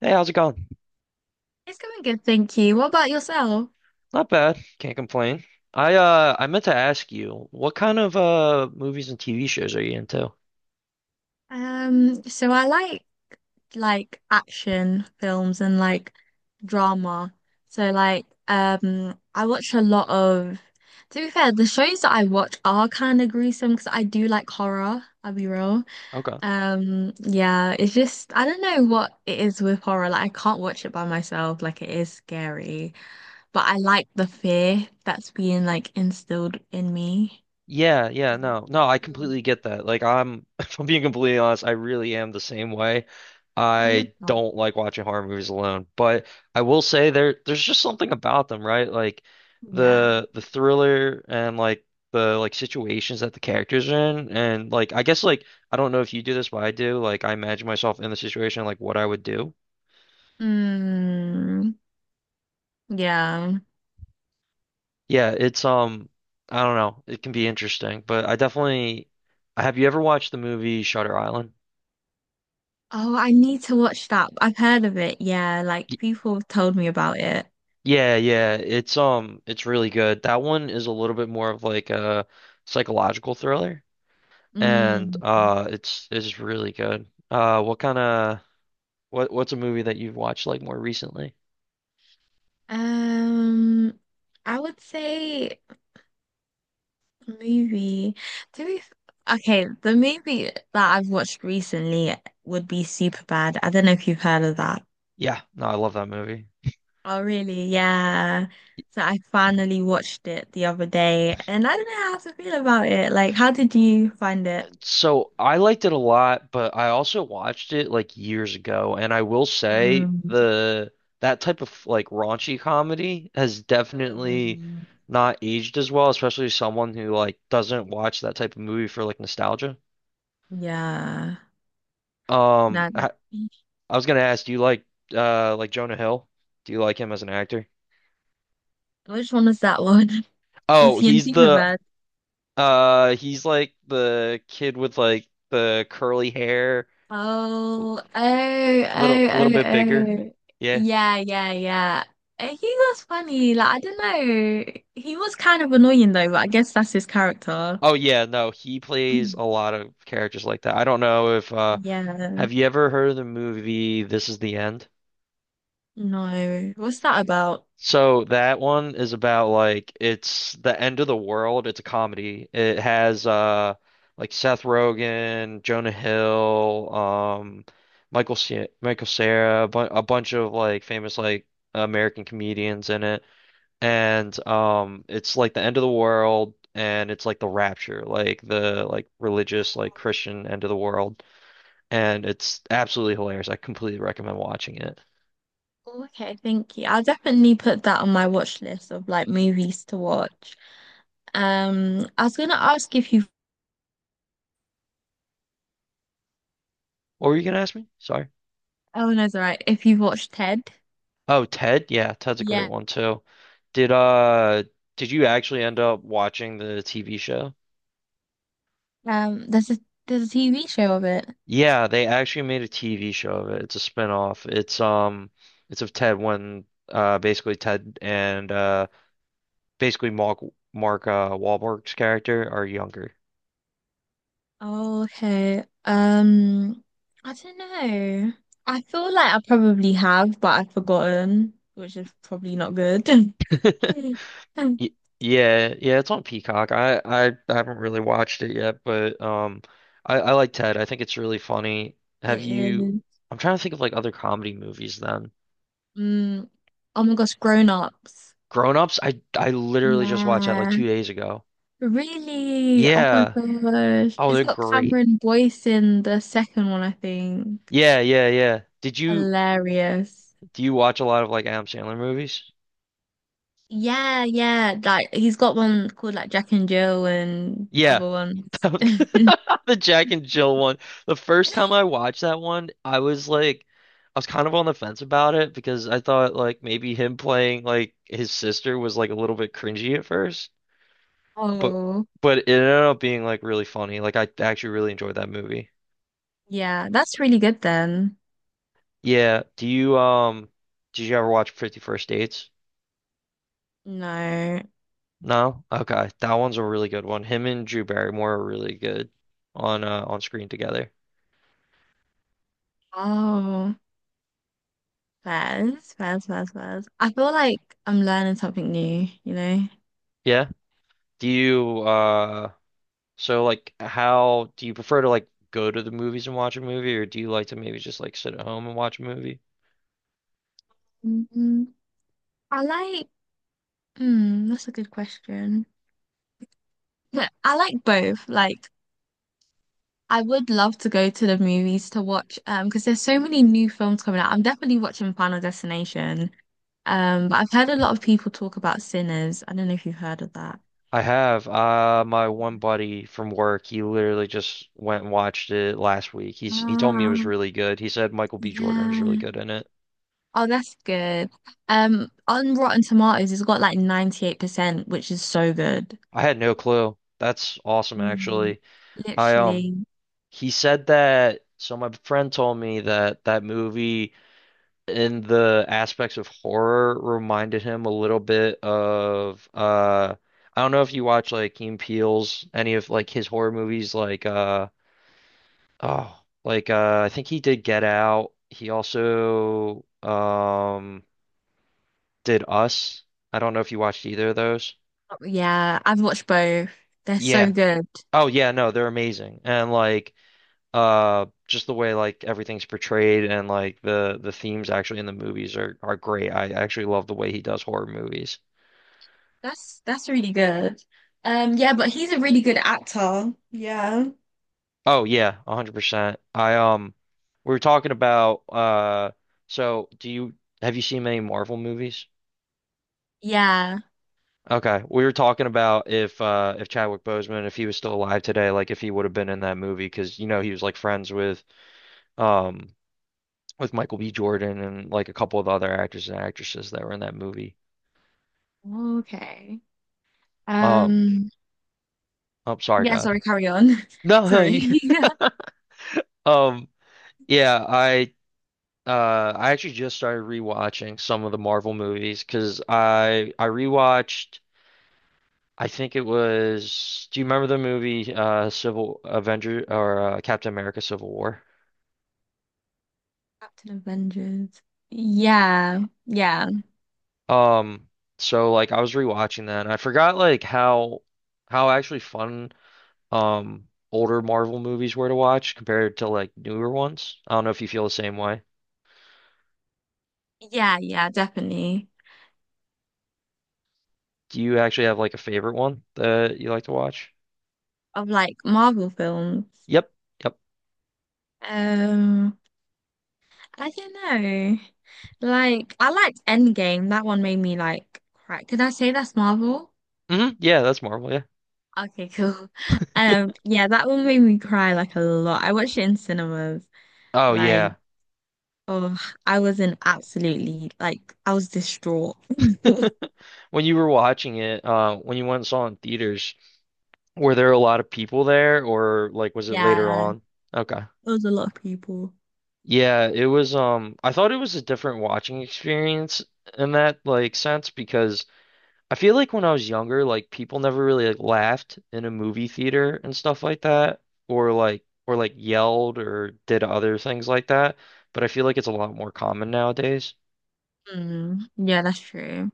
Hey, how's it going? It's going good, thank you. What about yourself? Not bad. Can't complain. I meant to ask you, what kind of movies and TV shows are you into? So I like action films and drama. So I watch a lot of, to be fair, the shows that I watch are kind of gruesome because I do like horror, I'll be real. Okay. Yeah, it's just I don't know what it is with horror. Like, I can't watch it by myself, like it is scary. But I like the fear that's being like instilled in me. Yeah, yeah, Mm. no. No, I completely get that. Like I'm if I'm being completely honest, I really am the same way. I love I that. don't like watching horror movies alone, but I will say there's just something about them, right? Like Yeah. the thriller and like the like situations that the characters are in, and like I guess like I don't know if you do this, but I do. Like I imagine myself in the situation, like what I would do. Mm, yeah. Yeah, it's I don't know. It can be interesting, but I definitely have you ever watched the movie Shutter Island? Oh, I need to watch that. I've heard of it. Yeah, like Y- people have told me about it. Yeah, yeah, it's really good. That one is a little bit more of like a psychological thriller, and Mm. It's really good. What's a movie that you've watched like more recently? Um, I would say movie. To be f- okay, the movie that I've watched recently would be Superbad. I don't know if you've heard of that. Yeah, no, I love that movie. Oh, really? Yeah. So I finally watched it the other day, and I don't know how to feel about it. Like, how did you find it? So I liked it a lot, but I also watched it like years ago, and I will say Mm. the that type of like raunchy comedy has definitely Mm, not aged as well, especially someone who like doesn't watch that type of movie for like nostalgia. yeah, Um, not. I, I was gonna ask, do you like Jonah Hill? Do you like him as an actor? Which one was that one? Was Oh, he in he's the Superbad? He's like the kid with like the curly hair, Oh, oh, little oh, a little oh, bit bigger, oh. yeah. Yeah, yeah, yeah. He was funny. Like, I don't know. He was kind of annoying though, but I guess that's his character. Oh yeah, no, he plays a lot of characters like that. I don't know if Yeah. have you ever heard of the movie This Is the End? No. What's that about? So that one is about like it's the end of the world. It's a comedy. It has like Seth Rogen, Jonah Hill, Michael Ce Michael Cera, a bunch of like famous like American comedians in it. And it's like the end of the world, and it's like the rapture, like the, like religious, like Christian end of the world, and it's absolutely hilarious. I completely recommend watching it. Oh, okay, thank you. I'll definitely put that on my watch list of like movies to watch. I was gonna ask if you've— What were you gonna ask me, sorry? oh, no, it's all right. If you've watched Ted, Oh, Ted, yeah, Ted's a great yeah. one too. did uh did you actually end up watching the TV show? Um, there's a TV show of it. Yeah, they actually made a TV show of it, it's a spin-off, it's of Ted when basically Ted and basically Mark Wahlberg's character are younger. Oh, okay. I don't know. I feel like I probably have, but I've forgotten, which is probably not good. Y- Yeah, yeah, it's on Peacock. I haven't really watched it yet, but I like Ted. I think it's really funny. Have It you? is. I'm trying to think of like other comedy movies then. Mm. Oh my gosh, Grown Ups. Grown Ups. I literally just watched that like Yeah. 2 days ago. Really? Oh my Yeah. gosh. Oh, It's they're got great. Cameron Boyce in the second one, I think. Yeah, yeah, yeah. Did you Hilarious. do you watch a lot of like Adam Sandler movies? Yeah, yeah. Like, he's got one called like Jack and Jill and Yeah, other ones. the Jack and Jill one. The first time I watched that one, I was like, I was kind of on the fence about it because I thought like maybe him playing like his sister was like a little bit cringy at first, but Oh, it ended up being like really funny. Like I actually really enjoyed that movie. yeah. That's really good then. Yeah. Do you did you ever watch 50 First Dates? No. No? Okay. That one's a really good one. Him and Drew Barrymore are really good on screen together. Oh, fairs, fairs, fairs, fairs. I feel like I'm learning something new, you know? Yeah. Do you So like how do you prefer to like go to the movies and watch a movie, or do you like to maybe just like sit at home and watch a movie? mm I like— hmm, that's a good question. Yeah, I like both. Like, I would love to go to the movies to watch because there's so many new films coming out. I'm definitely watching Final Destination. But I've heard a lot of people talk about Sinners. I don't know if you've heard of that. I have my one buddy from work, he literally just went and watched it last week. He told me it was Ah, really good. He said Michael B. Jordan was really yeah. good in it. Oh, that's good. On Rotten Tomatoes, it's got like 98%, which is so good. I had no clue. That's awesome Mm. actually. I Literally. he said that, so my friend told me that that movie in the aspects of horror reminded him a little bit of I don't know if you watch like Key and Peele's, any of like his horror movies, like oh, like I think he did Get Out. He also did Us. I don't know if you watched either of those. Yeah, I've watched both. They're so Yeah. good. Oh yeah, no, they're amazing. And like just the way like everything's portrayed and like the themes actually in the movies are great. I actually love the way he does horror movies. That's really good. Yeah, but he's a really good actor. Yeah. Oh yeah, 100%. I we were talking about so do you have you seen many Marvel movies? Yeah. Okay. We were talking about if Chadwick Boseman, if he was still alive today, like if he would have been in that movie, because you know he was like friends um with Michael B. Jordan and like a couple of other actors and actresses that were in that movie. Okay. Um Um, I'm sorry, yeah, God. sorry, carry on. No, you Sorry. Um yeah, I actually just started rewatching some of the Marvel movies because I rewatched. I think it was. Do you remember the movie Civil Avenger or Captain America Civil War? Captain Avengers. Yeah, yeah, Um, so like I was rewatching that, and I forgot like how actually fun older Marvel movies were to watch compared to like newer ones. I don't know if you feel the same way. yeah, definitely. Do you actually have like a favorite one that you like to watch? Of like Marvel films. Yep. Yep. Um, I don't know. Like, I liked Endgame. That one made me like cry. Could I say that's Marvel? Yeah, that's Marvel. Yeah. Okay, cool. Yeah, that one made me cry like a lot. I watched it in cinemas. Oh Like, yeah. oh, I was in absolutely— like, I was distraught. When you were watching it, when you went and saw it in theaters, were there a lot of people there, or like was it later Yeah, it on? Okay. was a lot of people. Yeah, it was I thought it was a different watching experience in that like sense, because I feel like when I was younger, like people never really like laughed in a movie theater and stuff like that, or like yelled or did other things like that, but I feel like it's a lot more common nowadays. Mm, yeah, that's true.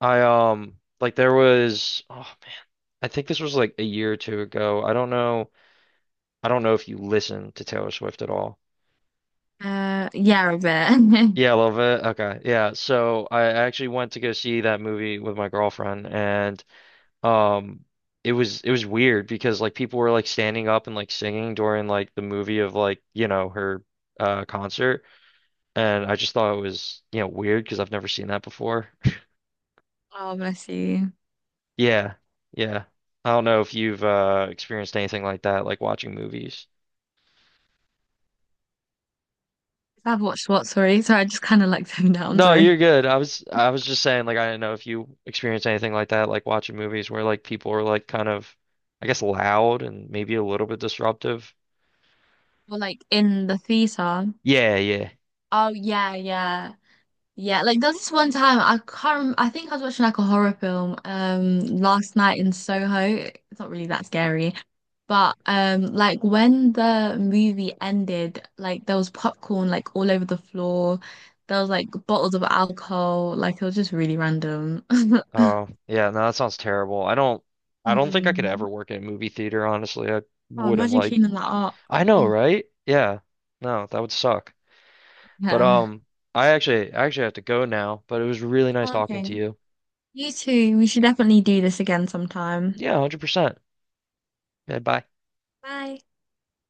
I like there was, oh, I think this was like a year or two ago. I don't know. I don't know if you listen to Taylor Swift at all. Yeah, a bit. Yeah, a little bit. Okay. Yeah. So I actually went to go see that movie with my girlfriend, and um it was weird because like people were like standing up and like singing during like the movie of, like, her concert, and I just thought it was weird, because I've never seen that before. Oh, bless you. Yeah. Yeah. I don't know if you've experienced anything like that, like watching movies. I've watched what? Sorry, sorry, I just kind of like zoned out. I'm No, you're sorry. good. I was just saying like I do not know if you experience anything like that, like watching movies where like people are like kind of I guess loud and maybe a little bit disruptive. Well, like in the theater. Yeah, yeah. Oh yeah, yeah, yeah. Like, there's this one time I can't— Rem I think I was watching like a horror film last night in Soho. It's not really that scary. But like when the movie ended, like there was popcorn like all over the floor. There was like bottles of alcohol. Like, it was just really random. Oh, yeah, no, that sounds terrible. I don't think I could Mm. ever work in a movie theater, honestly. I Oh, wouldn't imagine like cleaning that up. I know, Oh, right? Yeah. No, that would suck. But yeah. I actually have to go now, but it was really nice talking to Okay. you. You too. We should definitely do this again sometime. Yeah, 100%. Yeah, bye. Bye.